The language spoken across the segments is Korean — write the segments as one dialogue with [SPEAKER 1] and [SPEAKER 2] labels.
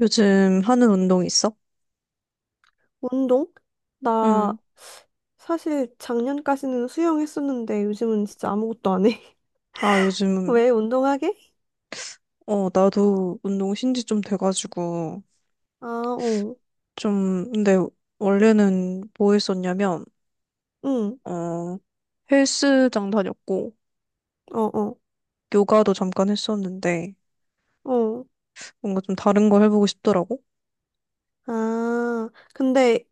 [SPEAKER 1] 요즘 하는 운동 있어?
[SPEAKER 2] 운동? 나
[SPEAKER 1] 응.
[SPEAKER 2] 사실 작년까지는 수영했었는데 요즘은 진짜 아무것도 안 해.
[SPEAKER 1] 아, 요즘,
[SPEAKER 2] 왜 운동하게?
[SPEAKER 1] 어, 나도 운동 신지 좀 돼가지고,
[SPEAKER 2] 아, 어.
[SPEAKER 1] 좀, 근데 원래는 뭐 했었냐면,
[SPEAKER 2] 응.
[SPEAKER 1] 어, 헬스장 다녔고,
[SPEAKER 2] 어, 어.
[SPEAKER 1] 요가도 잠깐 했었는데,
[SPEAKER 2] 어.
[SPEAKER 1] 뭔가 좀 다른 거 해보고 싶더라고?
[SPEAKER 2] 아, 근데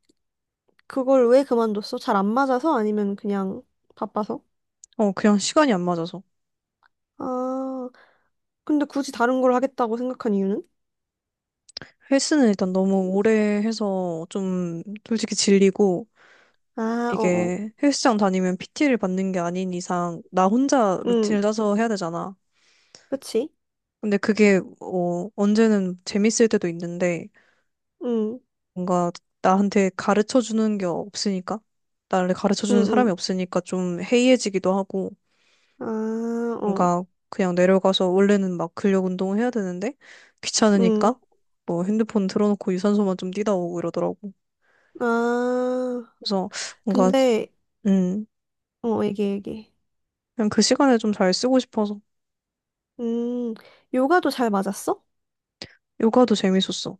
[SPEAKER 2] 그걸 왜 그만뒀어? 잘 안 맞아서 아니면 그냥 바빠서?
[SPEAKER 1] 어, 그냥 시간이 안 맞아서.
[SPEAKER 2] 아, 근데 굳이 다른 걸 하겠다고 생각한 이유는?
[SPEAKER 1] 헬스는 일단 너무 오래 해서 좀 솔직히 질리고,
[SPEAKER 2] 아, 어, 어.
[SPEAKER 1] 이게 헬스장 다니면 PT를 받는 게 아닌 이상, 나 혼자
[SPEAKER 2] 응.
[SPEAKER 1] 루틴을 짜서 해야 되잖아.
[SPEAKER 2] 그치?
[SPEAKER 1] 근데 그게 어, 언제는 재밌을 때도 있는데
[SPEAKER 2] 응.
[SPEAKER 1] 뭔가 나한테 가르쳐 주는 게 없으니까 나를 가르쳐 주는 사람이
[SPEAKER 2] 응,
[SPEAKER 1] 없으니까 좀 해이해지기도 하고
[SPEAKER 2] 응. 아, 어.
[SPEAKER 1] 뭔가 그냥 내려가서 원래는 막 근력 운동을 해야 되는데
[SPEAKER 2] 응.
[SPEAKER 1] 귀찮으니까 뭐 핸드폰 틀어놓고 유산소만 좀 뛰다 오고 이러더라고.
[SPEAKER 2] 아.
[SPEAKER 1] 그래서 뭔가
[SPEAKER 2] 근데
[SPEAKER 1] 음
[SPEAKER 2] 어, 얘기해, 얘기해.
[SPEAKER 1] 그냥 그 시간에 좀 잘 쓰고 싶어서
[SPEAKER 2] 음, 요가도 잘 맞았어?
[SPEAKER 1] 요가도 재밌었어.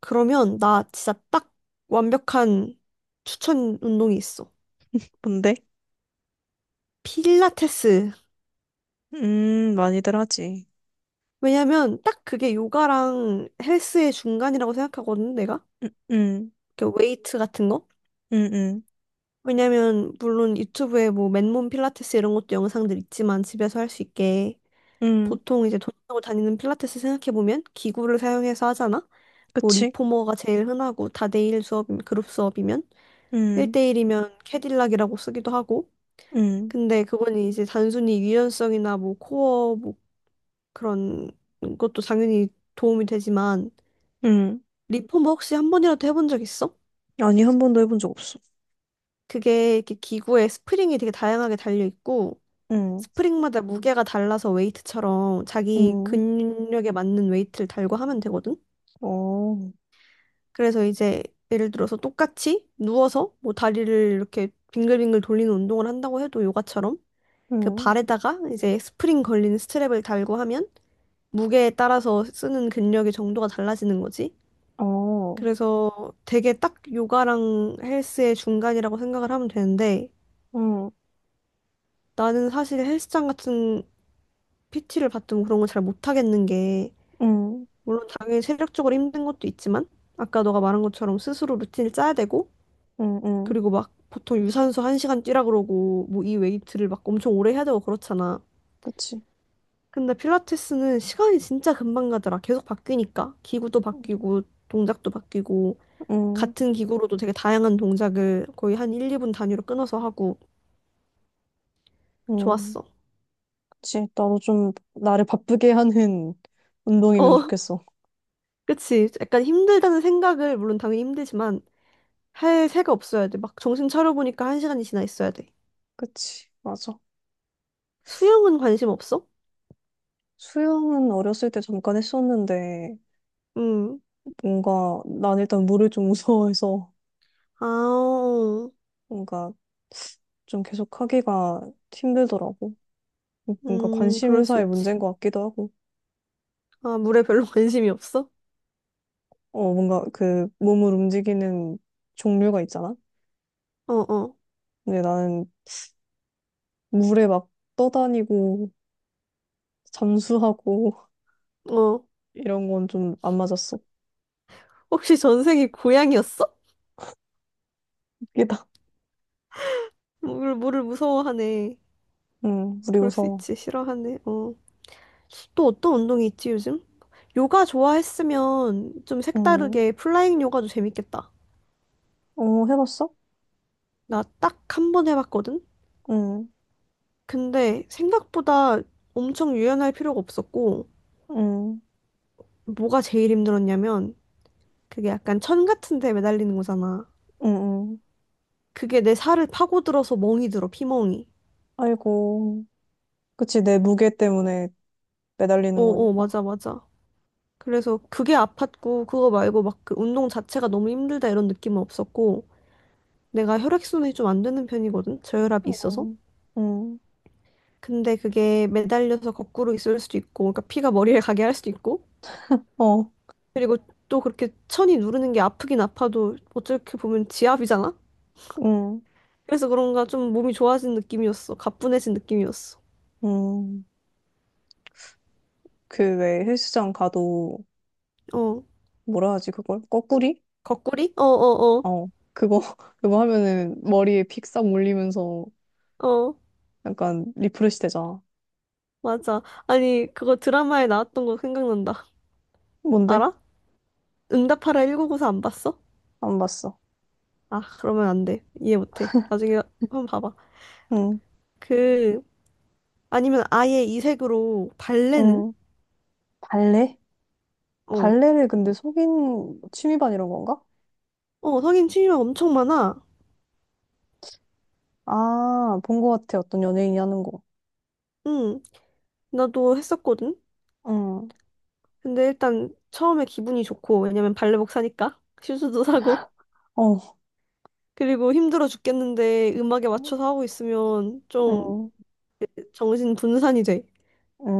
[SPEAKER 2] 그러면 나 진짜 딱 완벽한 추천 운동이 있어.
[SPEAKER 1] 근데
[SPEAKER 2] 필라테스.
[SPEAKER 1] 많이들 하지.
[SPEAKER 2] 왜냐면 딱 그게 요가랑 헬스의 중간이라고 생각하거든, 내가.
[SPEAKER 1] 음 음
[SPEAKER 2] 이렇게 웨이트 같은 거?
[SPEAKER 1] 음 음
[SPEAKER 2] 왜냐면 물론 유튜브에 뭐 맨몸 필라테스 이런 것도 영상들 있지만 집에서 할 수 있게
[SPEAKER 1] 음,
[SPEAKER 2] 보통 이제 돈 내고 다니는 필라테스 생각해보면 기구를 사용해서 하잖아? 뭐
[SPEAKER 1] 그치?
[SPEAKER 2] 리포머가 제일 흔하고 다대일 수업이면 그룹 수업이면
[SPEAKER 1] 음
[SPEAKER 2] 1대1이면 캐딜락이라고 쓰기도 하고
[SPEAKER 1] 음.
[SPEAKER 2] 근데 그건 이제 단순히 유연성이나 뭐 코어 뭐 그런 것도 당연히 도움이 되지만
[SPEAKER 1] 응.
[SPEAKER 2] 리폼버 혹시 한 번이라도 해본 적 있어?
[SPEAKER 1] 아니, 한 번도 해본 적 없어.
[SPEAKER 2] 그게 이렇게 기구에 스프링이 되게 다양하게 달려 있고
[SPEAKER 1] 응,
[SPEAKER 2] 스프링마다 무게가 달라서 웨이트처럼 자기
[SPEAKER 1] 응,
[SPEAKER 2] 근력에 맞는 웨이트를 달고 하면 되거든.
[SPEAKER 1] 어,
[SPEAKER 2] 그래서 이제 예를 들어서 똑같이 누워서 뭐 다리를 이렇게 빙글빙글 돌리는 운동을 한다고 해도 요가처럼 그
[SPEAKER 1] 응,
[SPEAKER 2] 발에다가 이제 스프링 걸린 스트랩을 달고 하면 무게에 따라서 쓰는 근력의 정도가 달라지는 거지.
[SPEAKER 1] 어,
[SPEAKER 2] 그래서 되게 딱 요가랑 헬스의 중간이라고 생각을 하면 되는데
[SPEAKER 1] 응,
[SPEAKER 2] 나는 사실 헬스장 같은 PT를 받든 그런 걸 잘 못하겠는 게
[SPEAKER 1] 응,
[SPEAKER 2] 물론 당연히 체력적으로 힘든 것도 있지만 아까 너가 말한 것처럼 스스로 루틴을 짜야 되고
[SPEAKER 1] 응, 응.
[SPEAKER 2] 그리고 막 보통 유산소 1시간 뛰라 그러고 뭐 이 웨이트를 막 엄청 오래 해야 되고 그렇잖아.
[SPEAKER 1] 그치.
[SPEAKER 2] 근데 필라테스는 시간이 진짜 금방 가더라. 계속 바뀌니까 기구도 바뀌고 동작도 바뀌고
[SPEAKER 1] 응,
[SPEAKER 2] 같은 기구로도 되게 다양한 동작을 거의 한 1, 2분 단위로 끊어서 하고
[SPEAKER 1] 응.
[SPEAKER 2] 좋았어.
[SPEAKER 1] 그치. 나도 좀 나를 바쁘게 하는 운동이면
[SPEAKER 2] 어,
[SPEAKER 1] 좋겠어.
[SPEAKER 2] 그치. 약간 힘들다는 생각을, 물론 당연히 힘들지만, 할 새가 없어야 돼. 막 정신 차려보니까 한 시간이 지나 있어야 돼.
[SPEAKER 1] 그치. 맞아.
[SPEAKER 2] 수영은 관심 없어?
[SPEAKER 1] 수영은 어렸을 때 잠깐 했었는데,
[SPEAKER 2] 응.
[SPEAKER 1] 뭔가, 난 일단 물을 좀 무서워해서,
[SPEAKER 2] 아,
[SPEAKER 1] 뭔가 좀 계속 하기가 힘들더라고. 뭔가
[SPEAKER 2] 그럴 수
[SPEAKER 1] 관심사의
[SPEAKER 2] 있지.
[SPEAKER 1] 문제인 것 같기도 하고.
[SPEAKER 2] 아, 물에 별로 관심이 없어?
[SPEAKER 1] 어, 뭔가 그 몸을 움직이는 종류가 있잖아?
[SPEAKER 2] 어, 어,
[SPEAKER 1] 근데 나는 물에 막 떠다니고 잠수하고
[SPEAKER 2] 어.
[SPEAKER 1] 이런 건 좀 안 맞았어.
[SPEAKER 2] 혹시 전생이 고양이였어?
[SPEAKER 1] 웃기다.
[SPEAKER 2] 물을 무서워하네.
[SPEAKER 1] 응, 물이
[SPEAKER 2] 그럴 수
[SPEAKER 1] 무서워.
[SPEAKER 2] 있지. 싫어하네. 어. 또 어떤 운동이 있지 요즘? 요가 좋아했으면 좀
[SPEAKER 1] 응.
[SPEAKER 2] 색다르게 플라잉 요가도 재밌겠다.
[SPEAKER 1] 어, 해봤어?
[SPEAKER 2] 나 딱 한 번 해봤거든?
[SPEAKER 1] 응,
[SPEAKER 2] 근데 생각보다 엄청 유연할 필요가 없었고,
[SPEAKER 1] 응,
[SPEAKER 2] 뭐가 제일 힘들었냐면, 그게 약간 천 같은 데 매달리는 거잖아.
[SPEAKER 1] 응, 응.
[SPEAKER 2] 그게 내 살을 파고들어서 멍이 들어, 피멍이.
[SPEAKER 1] 아이고. 그치, 내 무게 때문에 매달리는
[SPEAKER 2] 어어,
[SPEAKER 1] 거니까.
[SPEAKER 2] 맞아, 맞아. 그래서 그게 아팠고, 그거 말고 막 그 운동 자체가 너무 힘들다 이런 느낌은 없었고, 내가 혈액순환이 좀 안 되는 편이거든? 저혈압이 있어서.
[SPEAKER 1] 응, 응,
[SPEAKER 2] 근데 그게 매달려서 거꾸로 있을 수도 있고, 그러니까 피가 머리를 가게 할 수도 있고,
[SPEAKER 1] 어,
[SPEAKER 2] 그리고 또 그렇게 천이 누르는 게 아프긴 아파도 어떻게 보면 지압이잖아?
[SPEAKER 1] 응,
[SPEAKER 2] 그래서 그런가 좀 몸이 좋아진 느낌이었어. 가뿐해진 느낌이었어.
[SPEAKER 1] 응. 그 왜 헬스장 가도
[SPEAKER 2] 어,
[SPEAKER 1] 뭐라 하지, 그걸? 거꾸리?
[SPEAKER 2] 거꾸리? 어, 어,
[SPEAKER 1] 어, 그거, 그거 하면은 머리에 픽싹 물리면서
[SPEAKER 2] 어, 어,
[SPEAKER 1] 약간 리프레시 되잖아.
[SPEAKER 2] 맞아. 아니, 그거 드라마에 나왔던 거 생각난다.
[SPEAKER 1] 뭔데?
[SPEAKER 2] 알아? 응답하라 1구9 4 안 봤어?
[SPEAKER 1] 안 봤어.
[SPEAKER 2] 아, 그러면 안 돼. 이해 못 해. 나중에 한번 봐봐.
[SPEAKER 1] 응,
[SPEAKER 2] 그, 아니면 아예 이색으로 발레는?
[SPEAKER 1] 응. 발레?
[SPEAKER 2] 어,
[SPEAKER 1] 발레를 근데 속인 취미반 이런 건가?
[SPEAKER 2] 어, 성인 취미가 엄청 많아.
[SPEAKER 1] 아, 본 것 같아. 어떤 연예인이 하는 거.
[SPEAKER 2] 응, 나도 했었거든.
[SPEAKER 1] 응,
[SPEAKER 2] 근데 일단 처음에 기분이 좋고, 왜냐면 발레복 사니까 슈즈도 사고,
[SPEAKER 1] 어,
[SPEAKER 2] 그리고 힘들어 죽겠는데 음악에 맞춰서 하고 있으면 좀
[SPEAKER 1] 응,
[SPEAKER 2] 정신 분산이 돼.
[SPEAKER 1] 응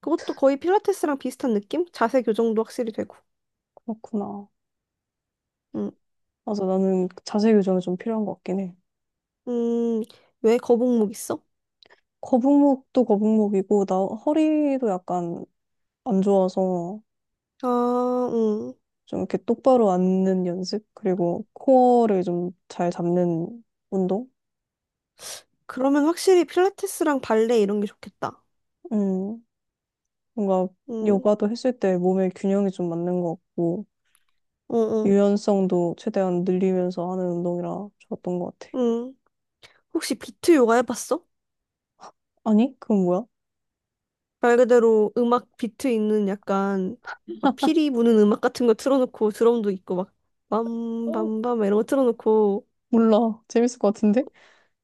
[SPEAKER 2] 그것도 거의 필라테스랑 비슷한 느낌? 자세 교정도 확실히 되고.
[SPEAKER 1] 그렇구나.
[SPEAKER 2] 응,
[SPEAKER 1] 맞아, 나는 자세 교정이 좀 필요한 것 같긴 해.
[SPEAKER 2] 음, 왜 거북목 있어?
[SPEAKER 1] 거북목도 거북목이고, 나 허리도 약간 안 좋아서.
[SPEAKER 2] 아, 응.
[SPEAKER 1] 좀 이렇게 똑바로 앉는 연습? 그리고 코어를 좀 잘 잡는 운동?
[SPEAKER 2] 그러면 확실히 필라테스랑 발레 이런 게 좋겠다.
[SPEAKER 1] 음, 뭔가
[SPEAKER 2] 응,
[SPEAKER 1] 요가도 했을 때 몸의 균형이 좀 맞는 것 같고,
[SPEAKER 2] 응 응
[SPEAKER 1] 유연성도 최대한 늘리면서 하는 운동이라 좋았던 것 같아.
[SPEAKER 2] 응. 혹시 비트 요가 해봤어?
[SPEAKER 1] 아니? 그건 뭐야?
[SPEAKER 2] 말 그대로 음악 비트 있는 약간 막 피리 부는 음악 같은 거 틀어놓고 드럼도 있고 막
[SPEAKER 1] 어,
[SPEAKER 2] 빰빰빰 이런 거 틀어놓고
[SPEAKER 1] 몰라. 재밌을 것 같은데?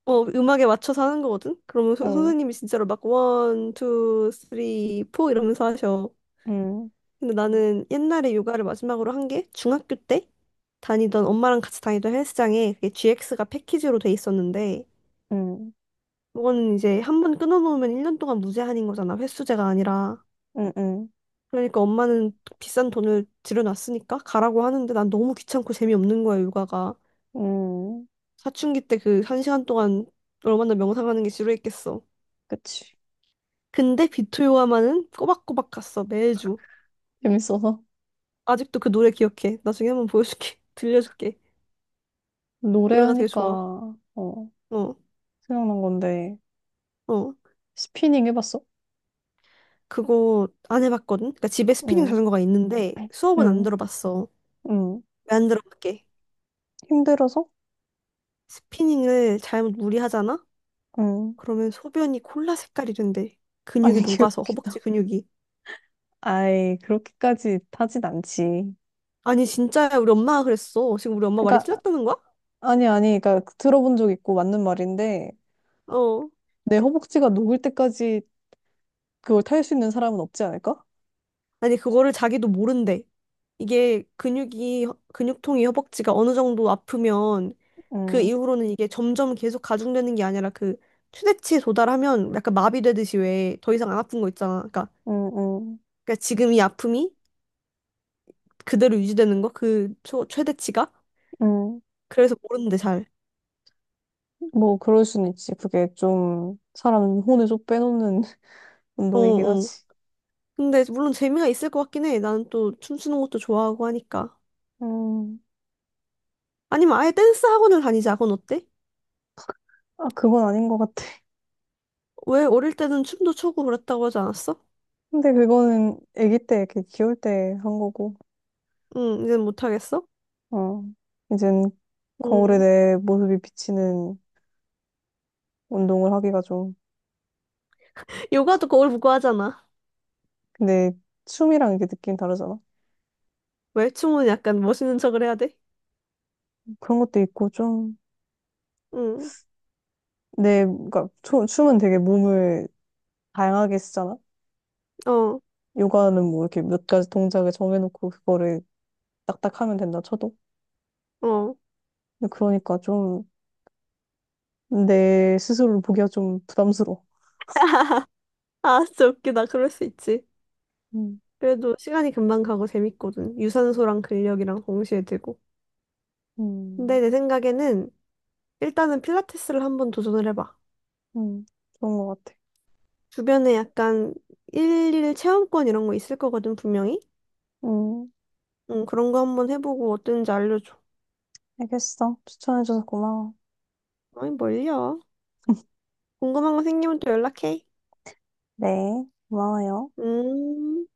[SPEAKER 2] 어 음악에 맞춰서 하는 거거든? 그러면
[SPEAKER 1] 어,
[SPEAKER 2] 선생님이 진짜로 막 원, 투, 쓰리, 포 이러면서 하셔.
[SPEAKER 1] 음,
[SPEAKER 2] 근데 나는 옛날에 요가를 마지막으로 한 게 중학교 때 다니던 엄마랑 같이 다니던 헬스장에 그게 GX가 패키지로 돼 있었는데
[SPEAKER 1] 음,
[SPEAKER 2] 그거는 이제 한 번 끊어놓으면 1년 동안 무제한인 거잖아. 횟수제가 아니라.
[SPEAKER 1] 음, 음,
[SPEAKER 2] 그러니까 엄마는 비싼 돈을 들여놨으니까 가라고 하는데 난 너무 귀찮고 재미없는 거야, 육아가.
[SPEAKER 1] 음,
[SPEAKER 2] 사춘기 때 그 한 시간 동안 얼마나 명상하는 게 지루했겠어.
[SPEAKER 1] 그치.
[SPEAKER 2] 근데 비토 요아만은 꼬박꼬박 갔어, 매주.
[SPEAKER 1] 재밌어서.
[SPEAKER 2] 아직도 그 노래 기억해. 나중에 한번 보여줄게. 들려줄게. 노래가 되게 좋아.
[SPEAKER 1] 노래하니까, 어,
[SPEAKER 2] 어,
[SPEAKER 1] 생각난 건데,
[SPEAKER 2] 어.
[SPEAKER 1] 스피닝 해봤어?
[SPEAKER 2] 그거 안 해봤거든? 그러니까 집에 스피닝
[SPEAKER 1] 응,
[SPEAKER 2] 자전거가 있는데 수업은 안
[SPEAKER 1] 응,
[SPEAKER 2] 들어봤어.
[SPEAKER 1] 응.
[SPEAKER 2] 왜 안 들어봤게?
[SPEAKER 1] 힘들어서?
[SPEAKER 2] 스피닝을 잘못 무리하잖아?
[SPEAKER 1] 응.
[SPEAKER 2] 그러면 소변이 콜라 색깔이 된대. 근육이
[SPEAKER 1] 아니,
[SPEAKER 2] 녹아서
[SPEAKER 1] 귀엽기다.
[SPEAKER 2] 허벅지 근육이.
[SPEAKER 1] 아이, 그렇게까지 타진 않지.
[SPEAKER 2] 아니, 진짜야. 우리 엄마가 그랬어. 지금 우리 엄마 말이
[SPEAKER 1] 그러니까,
[SPEAKER 2] 틀렸다는 거야?
[SPEAKER 1] 아니, 아니, 그러니까 들어본 적 있고 맞는 말인데,
[SPEAKER 2] 어.
[SPEAKER 1] 내 허벅지가 녹을 때까지 그걸 탈 수 있는 사람은 없지 않을까?
[SPEAKER 2] 아니, 그거를 자기도 모른대. 이게 근육이, 근육통이 허벅지가 어느 정도 아프면 그
[SPEAKER 1] 응,
[SPEAKER 2] 이후로는 이게 점점 계속 가중되는 게 아니라 그 최대치에 도달하면 약간 마비되듯이 왜 더 이상 안 아픈 거 있잖아. 그러니까,
[SPEAKER 1] 응, 응,
[SPEAKER 2] 그러니까 지금 이 아픔이 그대로 유지되는 거? 최대치가?
[SPEAKER 1] 응.
[SPEAKER 2] 그래서 모른대, 잘.
[SPEAKER 1] 뭐, 그럴 순 있지. 그게 좀, 사람 혼을 좀 빼놓는
[SPEAKER 2] 어,
[SPEAKER 1] 운동이긴
[SPEAKER 2] 어.
[SPEAKER 1] 하지.
[SPEAKER 2] 근데 물론 재미가 있을 것 같긴 해. 나는 또 춤추는 것도 좋아하고 하니까.
[SPEAKER 1] 음,
[SPEAKER 2] 아니면 아예 댄스 학원을 다니자. 그건 어때?
[SPEAKER 1] 아, 그건 아닌 것 같아.
[SPEAKER 2] 왜 어릴 때는 춤도 추고 그랬다고 하지 않았어?
[SPEAKER 1] 근데 그거는 아기 때, 이렇게 귀여울 때 한 거고,
[SPEAKER 2] 응, 이제 못하겠어?
[SPEAKER 1] 어. 이젠 거울에
[SPEAKER 2] 응.
[SPEAKER 1] 내 모습이 비치는 운동을 하기가 좀
[SPEAKER 2] 요가도 거울 보고 하잖아.
[SPEAKER 1] 근데 춤이랑 이게 느낌이 다르잖아.
[SPEAKER 2] 왜? 춤은 약간 멋있는 척을 해야 돼?
[SPEAKER 1] 그런 것도 있고 좀
[SPEAKER 2] 응,
[SPEAKER 1] 내, 그러니까 춤은 되게 몸을 다양하게 쓰잖아.
[SPEAKER 2] 어,
[SPEAKER 1] 요가는 뭐 이렇게 몇 가지 동작을 정해놓고 그거를 딱딱 하면 된다 쳐도.
[SPEAKER 2] 어.
[SPEAKER 1] 근데 그러니까 좀 내 스스로를 보기가 좀 부담스러워.
[SPEAKER 2] 아, 진짜 웃기다. 그럴 수 있지.
[SPEAKER 1] 음,
[SPEAKER 2] 그래도 시간이 금방 가고 재밌거든. 유산소랑 근력이랑 동시에 되고. 근데
[SPEAKER 1] 음,
[SPEAKER 2] 내 생각에는 일단은 필라테스를 한번 도전을 해봐.
[SPEAKER 1] 음, 좋은 것 같아.
[SPEAKER 2] 주변에 약간 일일 체험권 이런 거 있을 거거든, 분명히.
[SPEAKER 1] 음,
[SPEAKER 2] 응, 그런 거 한번 해보고 어땠는지 알려줘.
[SPEAKER 1] 알겠어. 추천해줘서 고마워.
[SPEAKER 2] 아니, 뭘요? 궁금한 거 생기면 또 연락해.
[SPEAKER 1] 네, 고마워요.
[SPEAKER 2] 음,